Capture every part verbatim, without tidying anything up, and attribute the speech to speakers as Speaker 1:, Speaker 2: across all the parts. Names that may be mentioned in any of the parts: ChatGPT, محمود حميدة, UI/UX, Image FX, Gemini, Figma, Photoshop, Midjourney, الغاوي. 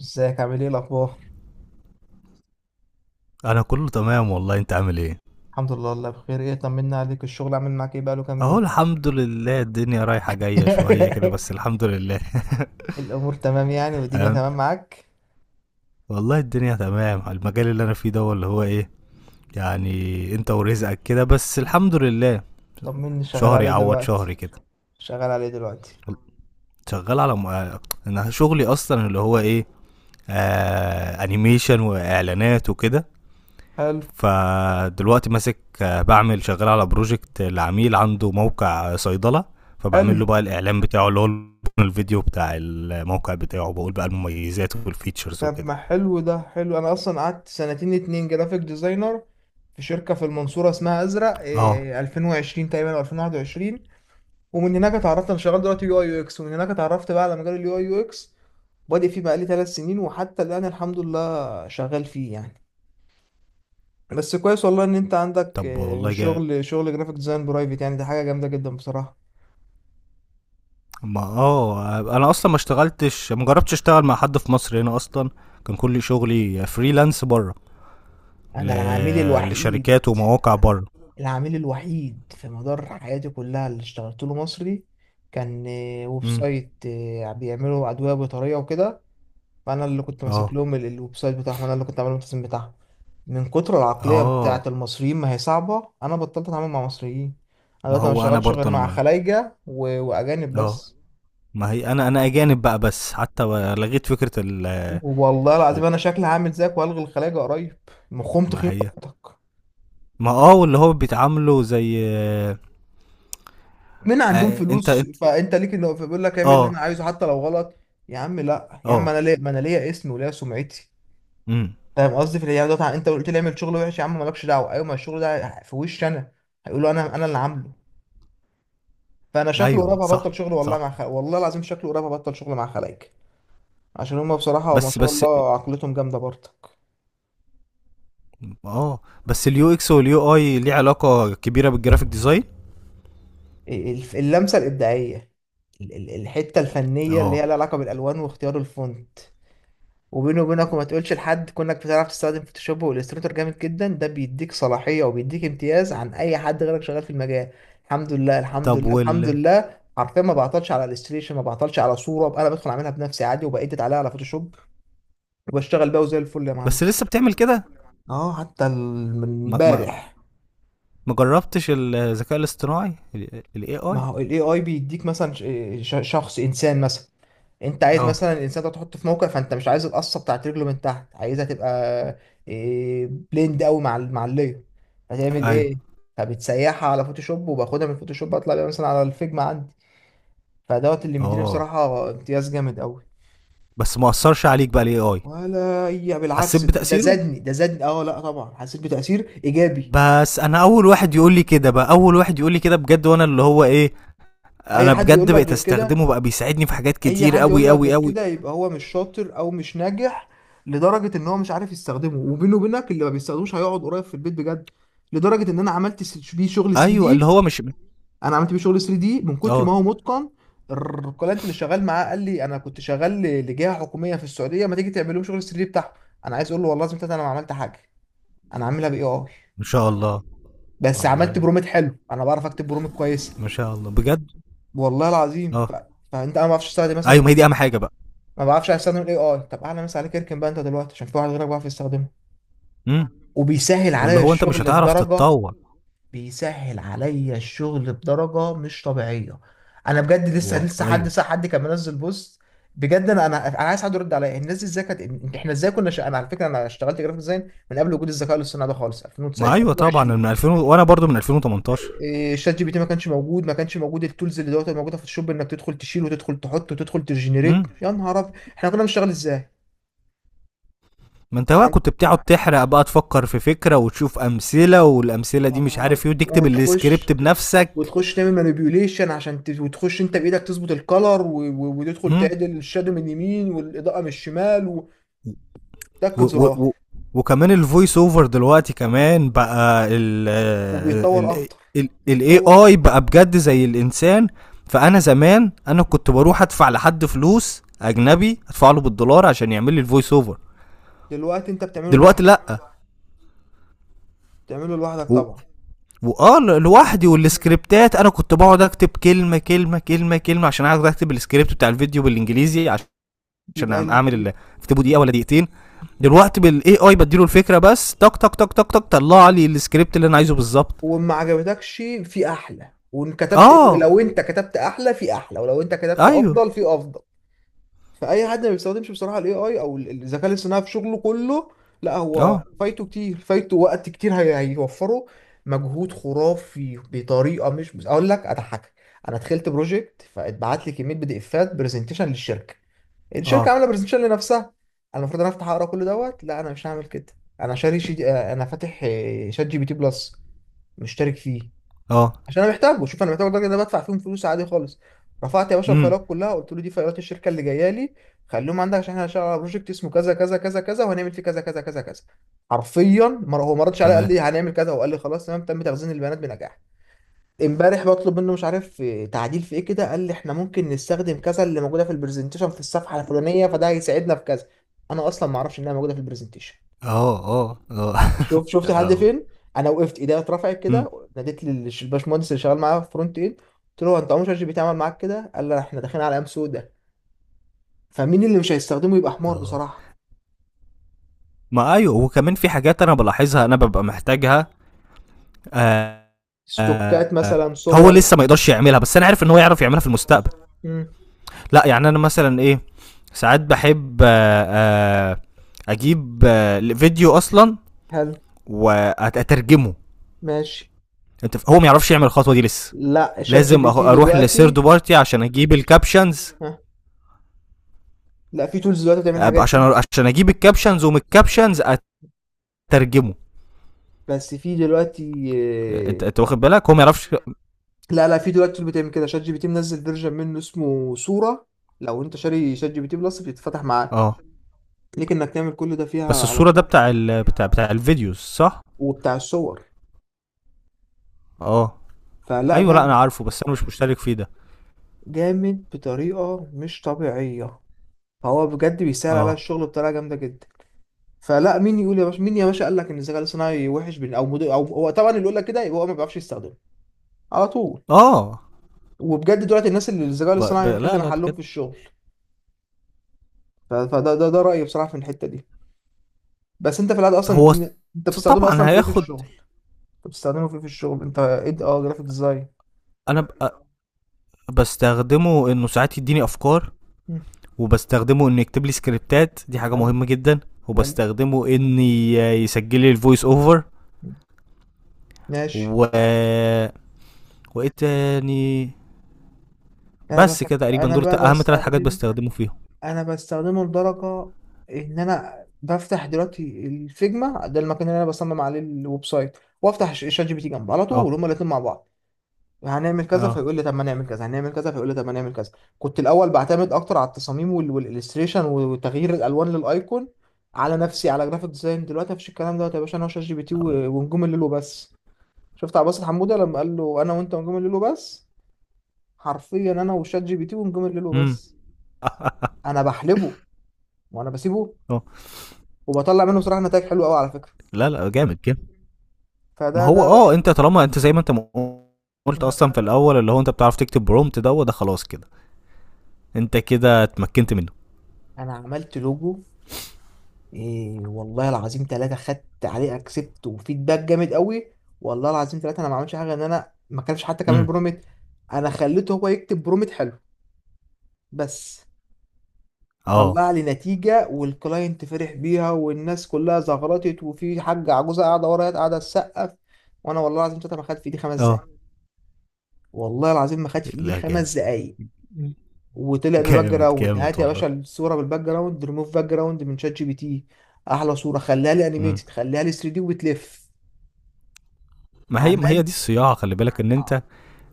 Speaker 1: ازيك، عامل ايه، الاخبار؟
Speaker 2: انا كله تمام والله. انت عامل ايه؟
Speaker 1: الحمد لله والله بخير. ايه، طمنا عليك، الشغل عامل معاك ايه؟ بقاله كام
Speaker 2: اهو
Speaker 1: يوم؟
Speaker 2: الحمد لله، الدنيا رايحة جاية شوية كده، بس الحمد لله.
Speaker 1: الامور تمام يعني، والدنيا
Speaker 2: تمام.
Speaker 1: تمام معاك؟
Speaker 2: والله الدنيا تمام. المجال اللي انا فيه ده هو اللي هو ايه يعني، انت ورزقك كده، بس الحمد لله.
Speaker 1: طمني، شغال
Speaker 2: شهر
Speaker 1: عليه
Speaker 2: يعوض
Speaker 1: دلوقتي؟
Speaker 2: شهري كده.
Speaker 1: شغال عليه دلوقتي؟
Speaker 2: شغال على م... انا شغلي اصلا اللي هو ايه آه... انيميشن واعلانات وكده.
Speaker 1: حلو.
Speaker 2: فدلوقتي ماسك آه، بعمل، شغال على بروجكت لعميل عنده موقع صيدلة. فبعمل له
Speaker 1: حلو.
Speaker 2: بقى الإعلان بتاعه، اللي هو الفيديو بتاع الموقع بتاعه، بقول بقى المميزات والفيتشرز
Speaker 1: طب
Speaker 2: وكده.
Speaker 1: ما حلو، ده حلو. انا اصلا قعدت سنتين اتنين جرافيك ديزاينر في شركة في المنصورة اسمها ازرق،
Speaker 2: اه.
Speaker 1: إيه، ألفين و عشرين تقريبا او ألفين وواحد وعشرين. ومن هناك اتعرفت، انا شغال دلوقتي يو اي يو اكس، ومن هناك اتعرفت بقى على مجال اليو اي يو اكس. بادئ فيه بقالي ثلاث سنين، وحتى الآن الحمد لله شغال فيه يعني. بس كويس والله ان انت عندك
Speaker 2: طب
Speaker 1: آه،
Speaker 2: والله جا
Speaker 1: شغل شغل جرافيك ديزاين برايفت، يعني دي حاجه جامده جدا بصراحه.
Speaker 2: ما اه انا اصلا ما اشتغلتش، ما جربتش اشتغل مع حد في مصر هنا اصلا. كان كل شغلي فريلانس بره، ل...
Speaker 1: انا العميل الوحيد
Speaker 2: لشركات ومواقع بره.
Speaker 1: العميل الوحيد في مدار حياتي كلها اللي اشتغلت له مصري. كان آه، ويب
Speaker 2: امم.
Speaker 1: سايت آه، بيعملوا ادويه بطاريه وكده. فانا اللي كنت ماسك
Speaker 2: اه.
Speaker 1: لهم ال- الويب سايت بتاعهم، انا اللي كنت عامل التصميم بتاعهم. من كتر العقليه بتاعه
Speaker 2: اه.
Speaker 1: المصريين، ما هي صعبه، انا بطلت اتعامل مع مصريين. انا
Speaker 2: ما
Speaker 1: دلوقتي ما
Speaker 2: هو انا
Speaker 1: بشتغلش غير
Speaker 2: برضه انا
Speaker 1: مع
Speaker 2: ما
Speaker 1: خلايجه و... واجانب
Speaker 2: اه.
Speaker 1: بس.
Speaker 2: ما هي انا انا اجانب بقى بس، حتى لغيت فكره ال ال-
Speaker 1: والله العظيم انا شكلي هعمل زيك والغي الخلاجه قريب. مخهم
Speaker 2: ما
Speaker 1: تخين
Speaker 2: هي
Speaker 1: برضك.
Speaker 2: ما اه واللي هو بيتعاملوا زي
Speaker 1: من عندهم
Speaker 2: آه انت
Speaker 1: فلوس
Speaker 2: انت
Speaker 1: فانت ليك، اللي هو فبيقول لك اعمل اللي انا
Speaker 2: اه.
Speaker 1: عايزه حتى لو غلط. يا عم لا، يا عم
Speaker 2: اه.
Speaker 1: انا ليا، ما انا ليا اسمي وليا سمعتي.
Speaker 2: امم.
Speaker 1: فاهم قصدي؟ في الايام دوت انت قلت لي اعمل شغل وحش، يا عم مالكش دعوه. ايوه، ما الشغل ده في وشي انا. هيقولوا انا انا اللي عامله. فانا شكله
Speaker 2: ايوه
Speaker 1: قريب
Speaker 2: صح.
Speaker 1: هبطل شغل والله
Speaker 2: صح.
Speaker 1: مع خ... والله العظيم شكله قريب هبطل شغل مع خلايك. عشان هم بصراحه ما
Speaker 2: بس
Speaker 1: شاء
Speaker 2: بس
Speaker 1: الله عقلتهم جامده برضك.
Speaker 2: اه، بس اليو اكس واليو اي ليه علاقه كبيره بالجرافيك ديزاين؟
Speaker 1: الف- اللمسة الإبداعية. ال- ال- الحتة الفنية اللي
Speaker 2: اه.
Speaker 1: هي لها علاقة بالألوان واختيار الفونت. وبيني وبينك وما تقولش لحد، كونك بتعرف تستخدم فوتوشوب والستريتور جامد جدا، ده بيديك صلاحية وبيديك امتياز عن أي حد غيرك شغال في المجال. الحمد لله، الحمد
Speaker 2: طب
Speaker 1: لله، الحمد
Speaker 2: وال
Speaker 1: لله، حرفيا ما بعطلش على الستريشن، ما بعطلش على صورة، أنا بدخل أعملها بنفسي عادي وبأديت عليها على فوتوشوب، وبشتغل بيها وزي الفل يا
Speaker 2: بس
Speaker 1: معلم.
Speaker 2: لسه بتعمل كده؟
Speaker 1: اه، حتى ال- من
Speaker 2: ما ما
Speaker 1: امبارح.
Speaker 2: ما جربتش الذكاء الاصطناعي، الاي
Speaker 1: ما
Speaker 2: اي؟
Speaker 1: هو الاي اي بيديك مثلا ش- ش- شخص انسان مثلا. انت عايز
Speaker 2: اه.
Speaker 1: مثلا الانسان ده تحطه في موقع فانت مش عايز القصه بتاعت رجله من تحت، عايزها تبقى إيه، بليند قوي مع ال- مع اللير. هتعمل
Speaker 2: ايوه.
Speaker 1: ايه؟ فبتسيحها على فوتوشوب وباخدها من فوتوشوب اطلع بيها مثلا على الفيجما عندي. فدوت اللي مديني
Speaker 2: اه.
Speaker 1: بصراحه امتياز جامد قوي.
Speaker 2: بس ما اثرش عليك بقى الاي اي؟
Speaker 1: ولا هي
Speaker 2: حسيت
Speaker 1: بالعكس، ده ده
Speaker 2: بتاثيره.
Speaker 1: زادني، ده زادني، اه لا طبعا حسيت بتاثير ايجابي.
Speaker 2: بس انا اول واحد يقول لي كده بقى، اول واحد يقول لي كده بجد. وانا اللي هو ايه
Speaker 1: اي
Speaker 2: انا
Speaker 1: حد
Speaker 2: بجد
Speaker 1: يقول لك
Speaker 2: بقيت
Speaker 1: غير كده،
Speaker 2: استخدمه بقى، بيساعدني في حاجات
Speaker 1: اي
Speaker 2: كتير
Speaker 1: حد يقول
Speaker 2: قوي
Speaker 1: لك
Speaker 2: قوي
Speaker 1: غير
Speaker 2: قوي.
Speaker 1: كده يبقى هو مش شاطر او مش ناجح. لدرجه ان هو مش عارف يستخدمه، وبينه وبينك اللي ما بيستخدموش هيقعد قريب في البيت بجد. لدرجه ان انا عملت س- بيه شغل ثلاثة
Speaker 2: ايوه اللي
Speaker 1: دي.
Speaker 2: هو مش
Speaker 1: انا عملت بيه شغل ثري دي من كتر
Speaker 2: اه.
Speaker 1: ما هو متقن. الكلاينت اللي شغال معاه قال لي: انا كنت شغال ل- لجهه حكوميه في السعوديه، ما تيجي تعمل لهم شغل ثلاثة دي بتاعهم. انا عايز اقول له والله لازم، انا ما عملت حاجه، انا عاملها باي اي،
Speaker 2: ما شاء الله.
Speaker 1: بس عملت
Speaker 2: والله.
Speaker 1: برومت حلو، انا بعرف اكتب برومت كويسه.
Speaker 2: ما شاء الله بجد.
Speaker 1: والله العظيم ف...
Speaker 2: اه.
Speaker 1: فانت، انا ما اعرفش استخدم
Speaker 2: ايوه ما هي
Speaker 1: مثلا،
Speaker 2: دي اهم حاجه بقى.
Speaker 1: ما بعرفش استخدم الاي اي. طب اعلى مثال عليك، اركن بقى انت دلوقتي عشان في واحد غيرك بيعرف يستخدمه
Speaker 2: امم.
Speaker 1: وبيسهل
Speaker 2: واللي
Speaker 1: عليا
Speaker 2: هو انت مش
Speaker 1: الشغل
Speaker 2: هتعرف
Speaker 1: بدرجه.
Speaker 2: تتطور.
Speaker 1: بيسهل عليا الشغل بدرجه مش طبيعيه. انا بجد لسه
Speaker 2: والله
Speaker 1: لسه، حد
Speaker 2: ايوه.
Speaker 1: ساعه حد كان منزل بوست، بجد انا انا انا عايز حد يرد عليا الناس دي ازاي كانت. إن- احنا ازاي كنا ش... انا على فكره انا اشتغلت جرافيك ديزاين من قبل وجود الذكاء الاصطناعي ده خالص،
Speaker 2: ما
Speaker 1: ألفين وتسعتاشر،
Speaker 2: ايوه طبعا، أنا
Speaker 1: ألفين و عشرين.
Speaker 2: من ألفين و- وانا برضو من ألفين وتمنتاشر.
Speaker 1: إيه، شات جي بي تي ما كانش موجود، ما كانش موجود التولز اللي دلوقتي موجوده في الشوب، انك تدخل تشيل وتدخل تحط وتدخل تجنريت.
Speaker 2: امم.
Speaker 1: يا نهار ابيض، احنا كنا بنشتغل ازاي؟
Speaker 2: ما انت بقى كنت بتقعد تحرق بقى، تفكر في فكره وتشوف امثله، والامثله دي
Speaker 1: يا
Speaker 2: مش
Speaker 1: نهار أبيض.
Speaker 2: عارف ايه، وتكتب السكريبت
Speaker 1: وتخش،
Speaker 2: بنفسك.
Speaker 1: وتخش تعمل مانيبيوليشن عشان ت... وتخش انت بايدك تظبط الكلر و... و... وتدخل
Speaker 2: امم.
Speaker 1: تعدل الشادو من اليمين والاضاءه من الشمال،
Speaker 2: و
Speaker 1: وتاكد
Speaker 2: و
Speaker 1: زرار.
Speaker 2: و وكمان الفويس اوفر دلوقتي كمان بقى ال
Speaker 1: وبيتطور
Speaker 2: ال
Speaker 1: اكتر.
Speaker 2: ال الاي
Speaker 1: بيتطور
Speaker 2: اي
Speaker 1: اكتر.
Speaker 2: بقى بجد زي الانسان. فانا زمان انا كنت بروح ادفع لحد فلوس اجنبي، ادفع له بالدولار عشان يعمل لي الفويس اوفر.
Speaker 1: دلوقتي انت بتعمله
Speaker 2: دلوقتي
Speaker 1: لوحدك.
Speaker 2: لا.
Speaker 1: بتعمله لوحدك
Speaker 2: و-
Speaker 1: طبعا.
Speaker 2: واه ل- لوحدي،
Speaker 1: مم.
Speaker 2: والسكريبتات انا كنت بقعد اكتب كلمه كلمه كلمه كلمه عشان اقعد اكتب السكريبت بتاع الفيديو بالانجليزي، عش- عشان
Speaker 1: يبقى ال...
Speaker 2: اعمل
Speaker 1: يب-
Speaker 2: ال- اكتبه دقيقه ولا دقيقتين. دلوقتي بالاي اي بديله الفكره بس، تك تك تك تك تك، طلع لي السكريبت اللي انا عايزه بالظبط.
Speaker 1: وما عجبتكش. في احلى، وان كتبت،
Speaker 2: اه.
Speaker 1: لو انت كتبت احلى في احلى، ولو انت كتبت
Speaker 2: ايوه.
Speaker 1: افضل في افضل. فاي حد ما بيستخدمش بصراحه الاي اي او ال- الذكاء الاصطناعي في شغله كله، لا هو
Speaker 2: اه.
Speaker 1: فايته كتير، فايته وقت كتير، هي- هيوفره مجهود خرافي بطريقه مش، بس اقول لك اضحكك. انا دخلت بروجكت فاتبعت لي كميه بي دي افات، برزنتيشن للشركه، الشركه
Speaker 2: اه.
Speaker 1: عامله برزنتيشن لنفسها. انا المفروض انا افتح اقرا كل دوت. لا، انا مش هعمل كده. انا شاري شي... انا فاتح آه، شات جي بي تي بلس، مشترك فيه،
Speaker 2: اه.
Speaker 1: عشان انا محتاجه. شوف، انا محتاجه الراجل ده بدفع فيهم فلوس عادي خالص. رفعت يا باشا
Speaker 2: امم.
Speaker 1: الفايلات كلها، قلت له دي فايلات الشركه اللي جايه لي، خليهم عندك عشان احنا هنشتغل على بروجكت اسمه كذا كذا كذا كذا، وهنعمل فيه كذا كذا كذا كذا. حرفيا مر- هو ما ردش عليا، قال
Speaker 2: تمام.
Speaker 1: لي هنعمل كذا وقال لي خلاص تمام، تم تخزين البيانات بنجاح. امبارح بطلب منه مش عارف آه، تعديل في ايه كده، قال لي احنا ممكن نستخدم كذا اللي موجوده في البرزنتيشن في الصفحه الفلانيه، فده هيساعدنا في كذا. انا اصلا ما اعرفش انها موجوده في البرزنتيشن.
Speaker 2: اه. اه. اه.
Speaker 1: شوف، شفت
Speaker 2: يا
Speaker 1: لحد
Speaker 2: لهوي.
Speaker 1: فين. انا وقفت ايديا اترفعت
Speaker 2: امم.
Speaker 1: كده، ناديت للباشمهندس اللي شغال معايا فرونت اند، قلت له: هو انت عمرك شات جي بي تي عمل معاك كده؟ قال لي احنا داخلين على ايام سودة. فمين اللي مش هيستخدمه يبقى حمار
Speaker 2: اه.
Speaker 1: بصراحه.
Speaker 2: ما ايوه، وكمان في حاجات انا بلاحظها انا ببقى محتاجها. آه
Speaker 1: ستوكات
Speaker 2: آه
Speaker 1: مثلا،
Speaker 2: هو
Speaker 1: صور.
Speaker 2: لسه ما يقدرش يعملها، بس انا عارف ان هو يعرف يعملها في المستقبل.
Speaker 1: امم.
Speaker 2: لا يعني انا مثلا ايه، ساعات بحب آه، آه، اجيب آه، فيديو اصلا
Speaker 1: هل.
Speaker 2: واترجمه.
Speaker 1: ماشي.
Speaker 2: انت ف- هو ما يعرفش يعمل الخطوه دي لسه.
Speaker 1: لا، شات جي بي
Speaker 2: لازم أخ-
Speaker 1: تي
Speaker 2: اروح
Speaker 1: دلوقتي.
Speaker 2: لسيرد بارتي عشان اجيب الكابشنز،
Speaker 1: ها. لا، في تولز دلوقتي بتعمل
Speaker 2: أب-
Speaker 1: الحاجات
Speaker 2: عشان
Speaker 1: دي.
Speaker 2: عشان اجيب الكابشنز، ومن الكابشنز اترجمه.
Speaker 1: بس في دلوقتي
Speaker 2: انت
Speaker 1: آه،
Speaker 2: انت واخد بالك هو ما يعرفش.
Speaker 1: لا لا، في دلوقتي tool بتعمل كده، شات جي بي تي منزل فيرجن منه اسمه صوره. لو انت شاري شات جي بي تي بلس بيتفتح معاك،
Speaker 2: اه.
Speaker 1: ليك انك تعمل كل ده فيها
Speaker 2: بس
Speaker 1: على
Speaker 2: الصوره ده
Speaker 1: طول.
Speaker 2: بتاع ال... بتاع بتاع الفيديوز صح؟
Speaker 1: وبتاع الصور.
Speaker 2: اه.
Speaker 1: فلا،
Speaker 2: ايوه، لا انا
Speaker 1: جامد.
Speaker 2: عارفه، بس انا مش مشترك فيه ده.
Speaker 1: جامد بطريقة مش طبيعية. فهو بجد بيسهل على
Speaker 2: اه.
Speaker 1: الشغل بطريقة جامدة جدا. فلا، مين يقول يا باشا، مين يا باشا قال لك ان الذكاء الاصطناعي وحش؟ بن او مدو او هو طبعا اللي يقول لك كده يبقى هو ما بيعرفش يستخدمه على طول.
Speaker 2: اه.
Speaker 1: وبجد دلوقتي الناس اللي الذكاء
Speaker 2: ب... ب...
Speaker 1: الاصطناعي هيحل
Speaker 2: لا لا
Speaker 1: محلهم
Speaker 2: بجد.
Speaker 1: في الشغل. ف- فده ده ده رأيي بصراحة في الحتة دي. بس انت في العاده اصلا
Speaker 2: فهو
Speaker 1: الدنيا- انت بتستخدمه
Speaker 2: طبعا
Speaker 1: اصلا في ايه في
Speaker 2: هياخد.
Speaker 1: الشغل؟ انت بتستخدمه في ايه في الشغل انت؟ ايه، اه، جرافيك ديزاين.
Speaker 2: انا ب- بستخدمه انه ساعات يديني افكار.
Speaker 1: مم.
Speaker 2: وبستخدمه انه يكتب لي سكريبتات، دي حاجه
Speaker 1: حلو.
Speaker 2: مهمه جدا.
Speaker 1: حلو.
Speaker 2: وبستخدمه ان ي- يسجل لي الفويس اوفر.
Speaker 1: مم. ماشي.
Speaker 2: و، وايه تاني.
Speaker 1: انا بس،
Speaker 2: بس كده تقريبا،
Speaker 1: انا
Speaker 2: دول ت-
Speaker 1: بقى
Speaker 2: اهم ثلاث حاجات
Speaker 1: بستخدمه.
Speaker 2: بستخدمه فيهم.
Speaker 1: انا بستخدمه لدرجه ان انا بفتح دلوقتي الفيجما، ده المكان اللي انا بصمم عليه الويب سايت، وافتح ش- شات جي بي تي جنبه على
Speaker 2: اه.
Speaker 1: طول، هما الاتنين مع بعض. هنعمل كذا
Speaker 2: اه.
Speaker 1: فيقول لي طب ما نعمل كذا، هنعمل كذا فيقول لي طب ما نعمل كذا. كنت الاول بعتمد اكتر على التصاميم وال- والالستريشن وتغيير الالوان للايكون، على نفسي على جرافيك ديزاين. دلوقتي مفيش الكلام دوت يا باشا، انا وشات جي بي تي و- ونجوم الليل وبس. شفت عباس حموده لما قال له انا وانت ونجوم الليل وبس؟ حرفيا انا وشات جي بي تي ونجوم الليل
Speaker 2: امم.
Speaker 1: وبس. انا بحلبه وانا بسيبه،
Speaker 2: اه.
Speaker 1: وبطلع منه بصراحه نتائج حلوه قوي على فكره.
Speaker 2: لا لا جامد جامد. ما
Speaker 1: فده
Speaker 2: هو
Speaker 1: ده
Speaker 2: اه
Speaker 1: رايي.
Speaker 2: انت طالما انت زي ما انت م- قلت
Speaker 1: مم.
Speaker 2: اصلا في الاول، اللي هو انت بتعرف تكتب برومت، ده وده خلاص كده، انت كده اتمكنت منه.
Speaker 1: انا عملت لوجو، إيه والله العظيم ثلاثه، خدت عليه اكسبت وفيدباك جامد قوي. والله العظيم ثلاثه، انا ما عملتش حاجه، ان انا ما كانش حتى كمان
Speaker 2: امم.
Speaker 1: برومت، انا خليته هو يكتب برومت حلو بس،
Speaker 2: اه.
Speaker 1: طلع لي نتيجه والكلاينت فرح بيها والناس كلها زغرطت وفي حاجه عجوزه قاعده ورايا قاعده تسقف. وانا والله العظيم ثلاثه ما خدت في ايدي خمس دقايق،
Speaker 2: اه.
Speaker 1: والله العظيم ما خدت في ايدي
Speaker 2: لا
Speaker 1: خمس
Speaker 2: جامد.
Speaker 1: دقايق. وطلع بباك
Speaker 2: جامد
Speaker 1: جراوند،
Speaker 2: جامد
Speaker 1: هات يا
Speaker 2: والله.
Speaker 1: باشا الصوره بالباك جراوند، ريموف باك جراوند من شات جي بي تي، احلى صوره، خليها لي
Speaker 2: مم.
Speaker 1: انيميتد، خليها لي ثري دي وبتلف.
Speaker 2: ما هي ما
Speaker 1: عمل
Speaker 2: هي دي الصياعه، خلي بالك ان انت،
Speaker 1: آه.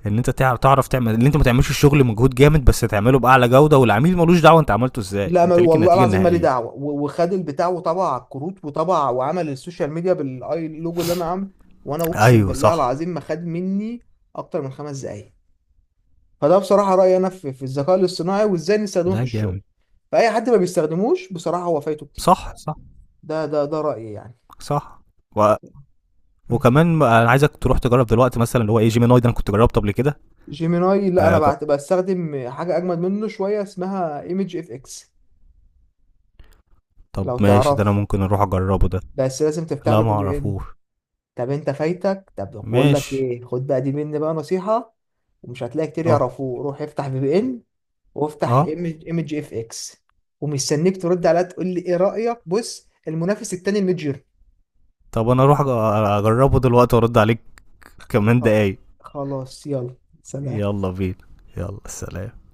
Speaker 2: ان انت تعرف تعرف تعمل، ان انت ما تعملش الشغل مجهود جامد بس تعمله باعلى جوده، والعميل ملوش دعوه انت عملته ازاي،
Speaker 1: لا، ما
Speaker 2: انت ليك
Speaker 1: والله
Speaker 2: النتيجه
Speaker 1: العظيم مالي
Speaker 2: النهائيه.
Speaker 1: دعوه و- وخد البتاع وطبع على الكروت وطبع وعمل السوشيال ميديا بالاي لوجو اللي انا عامله. وانا اقسم
Speaker 2: ايوه
Speaker 1: بالله
Speaker 2: صح.
Speaker 1: العظيم ما خد مني اكتر من خمس دقايق. فده بصراحه رايي انا في, في الذكاء الاصطناعي وازاي نستخدمه في
Speaker 2: لا
Speaker 1: الشغل.
Speaker 2: جامد.
Speaker 1: فاي حد ما بيستخدموش بصراحه هو فايته كتير.
Speaker 2: صح صح
Speaker 1: ده ده ده رايي يعني.
Speaker 2: صح. و... وكمان م- انا عايزك تروح تجرب دلوقتي مثلا اللي هو ايه، جيميناي ده انا كنت جربته قبل كده.
Speaker 1: جيميناي، لا
Speaker 2: آه
Speaker 1: انا
Speaker 2: جر...
Speaker 1: بعت بستخدم حاجه اجمد منه شويه اسمها ايمج اف اكس،
Speaker 2: طب
Speaker 1: لو
Speaker 2: ماشي، ده انا
Speaker 1: تعرف.
Speaker 2: ممكن اروح اجربه ده.
Speaker 1: بس لازم تفتح
Speaker 2: لا
Speaker 1: له
Speaker 2: ما
Speaker 1: في بي ان.
Speaker 2: اعرفوش.
Speaker 1: طب انت فايتك. طب بقول لك
Speaker 2: ماشي.
Speaker 1: ايه، خد بقى دي مني بقى نصيحه، ومش هتلاقي كتير
Speaker 2: اه.
Speaker 1: يعرفوه. روح افتح في بي ان وافتح
Speaker 2: اه.
Speaker 1: ايمج اف اكس، ومستنيك ترد عليا تقول لي ايه رايك. بص المنافس التاني الميدجر.
Speaker 2: طب انا اروح أج- اجربه دلوقتي وارد عليك كمان
Speaker 1: خ-
Speaker 2: دقايق.
Speaker 1: خلاص، يلا سلام.
Speaker 2: يلا بينا. يلا سلام.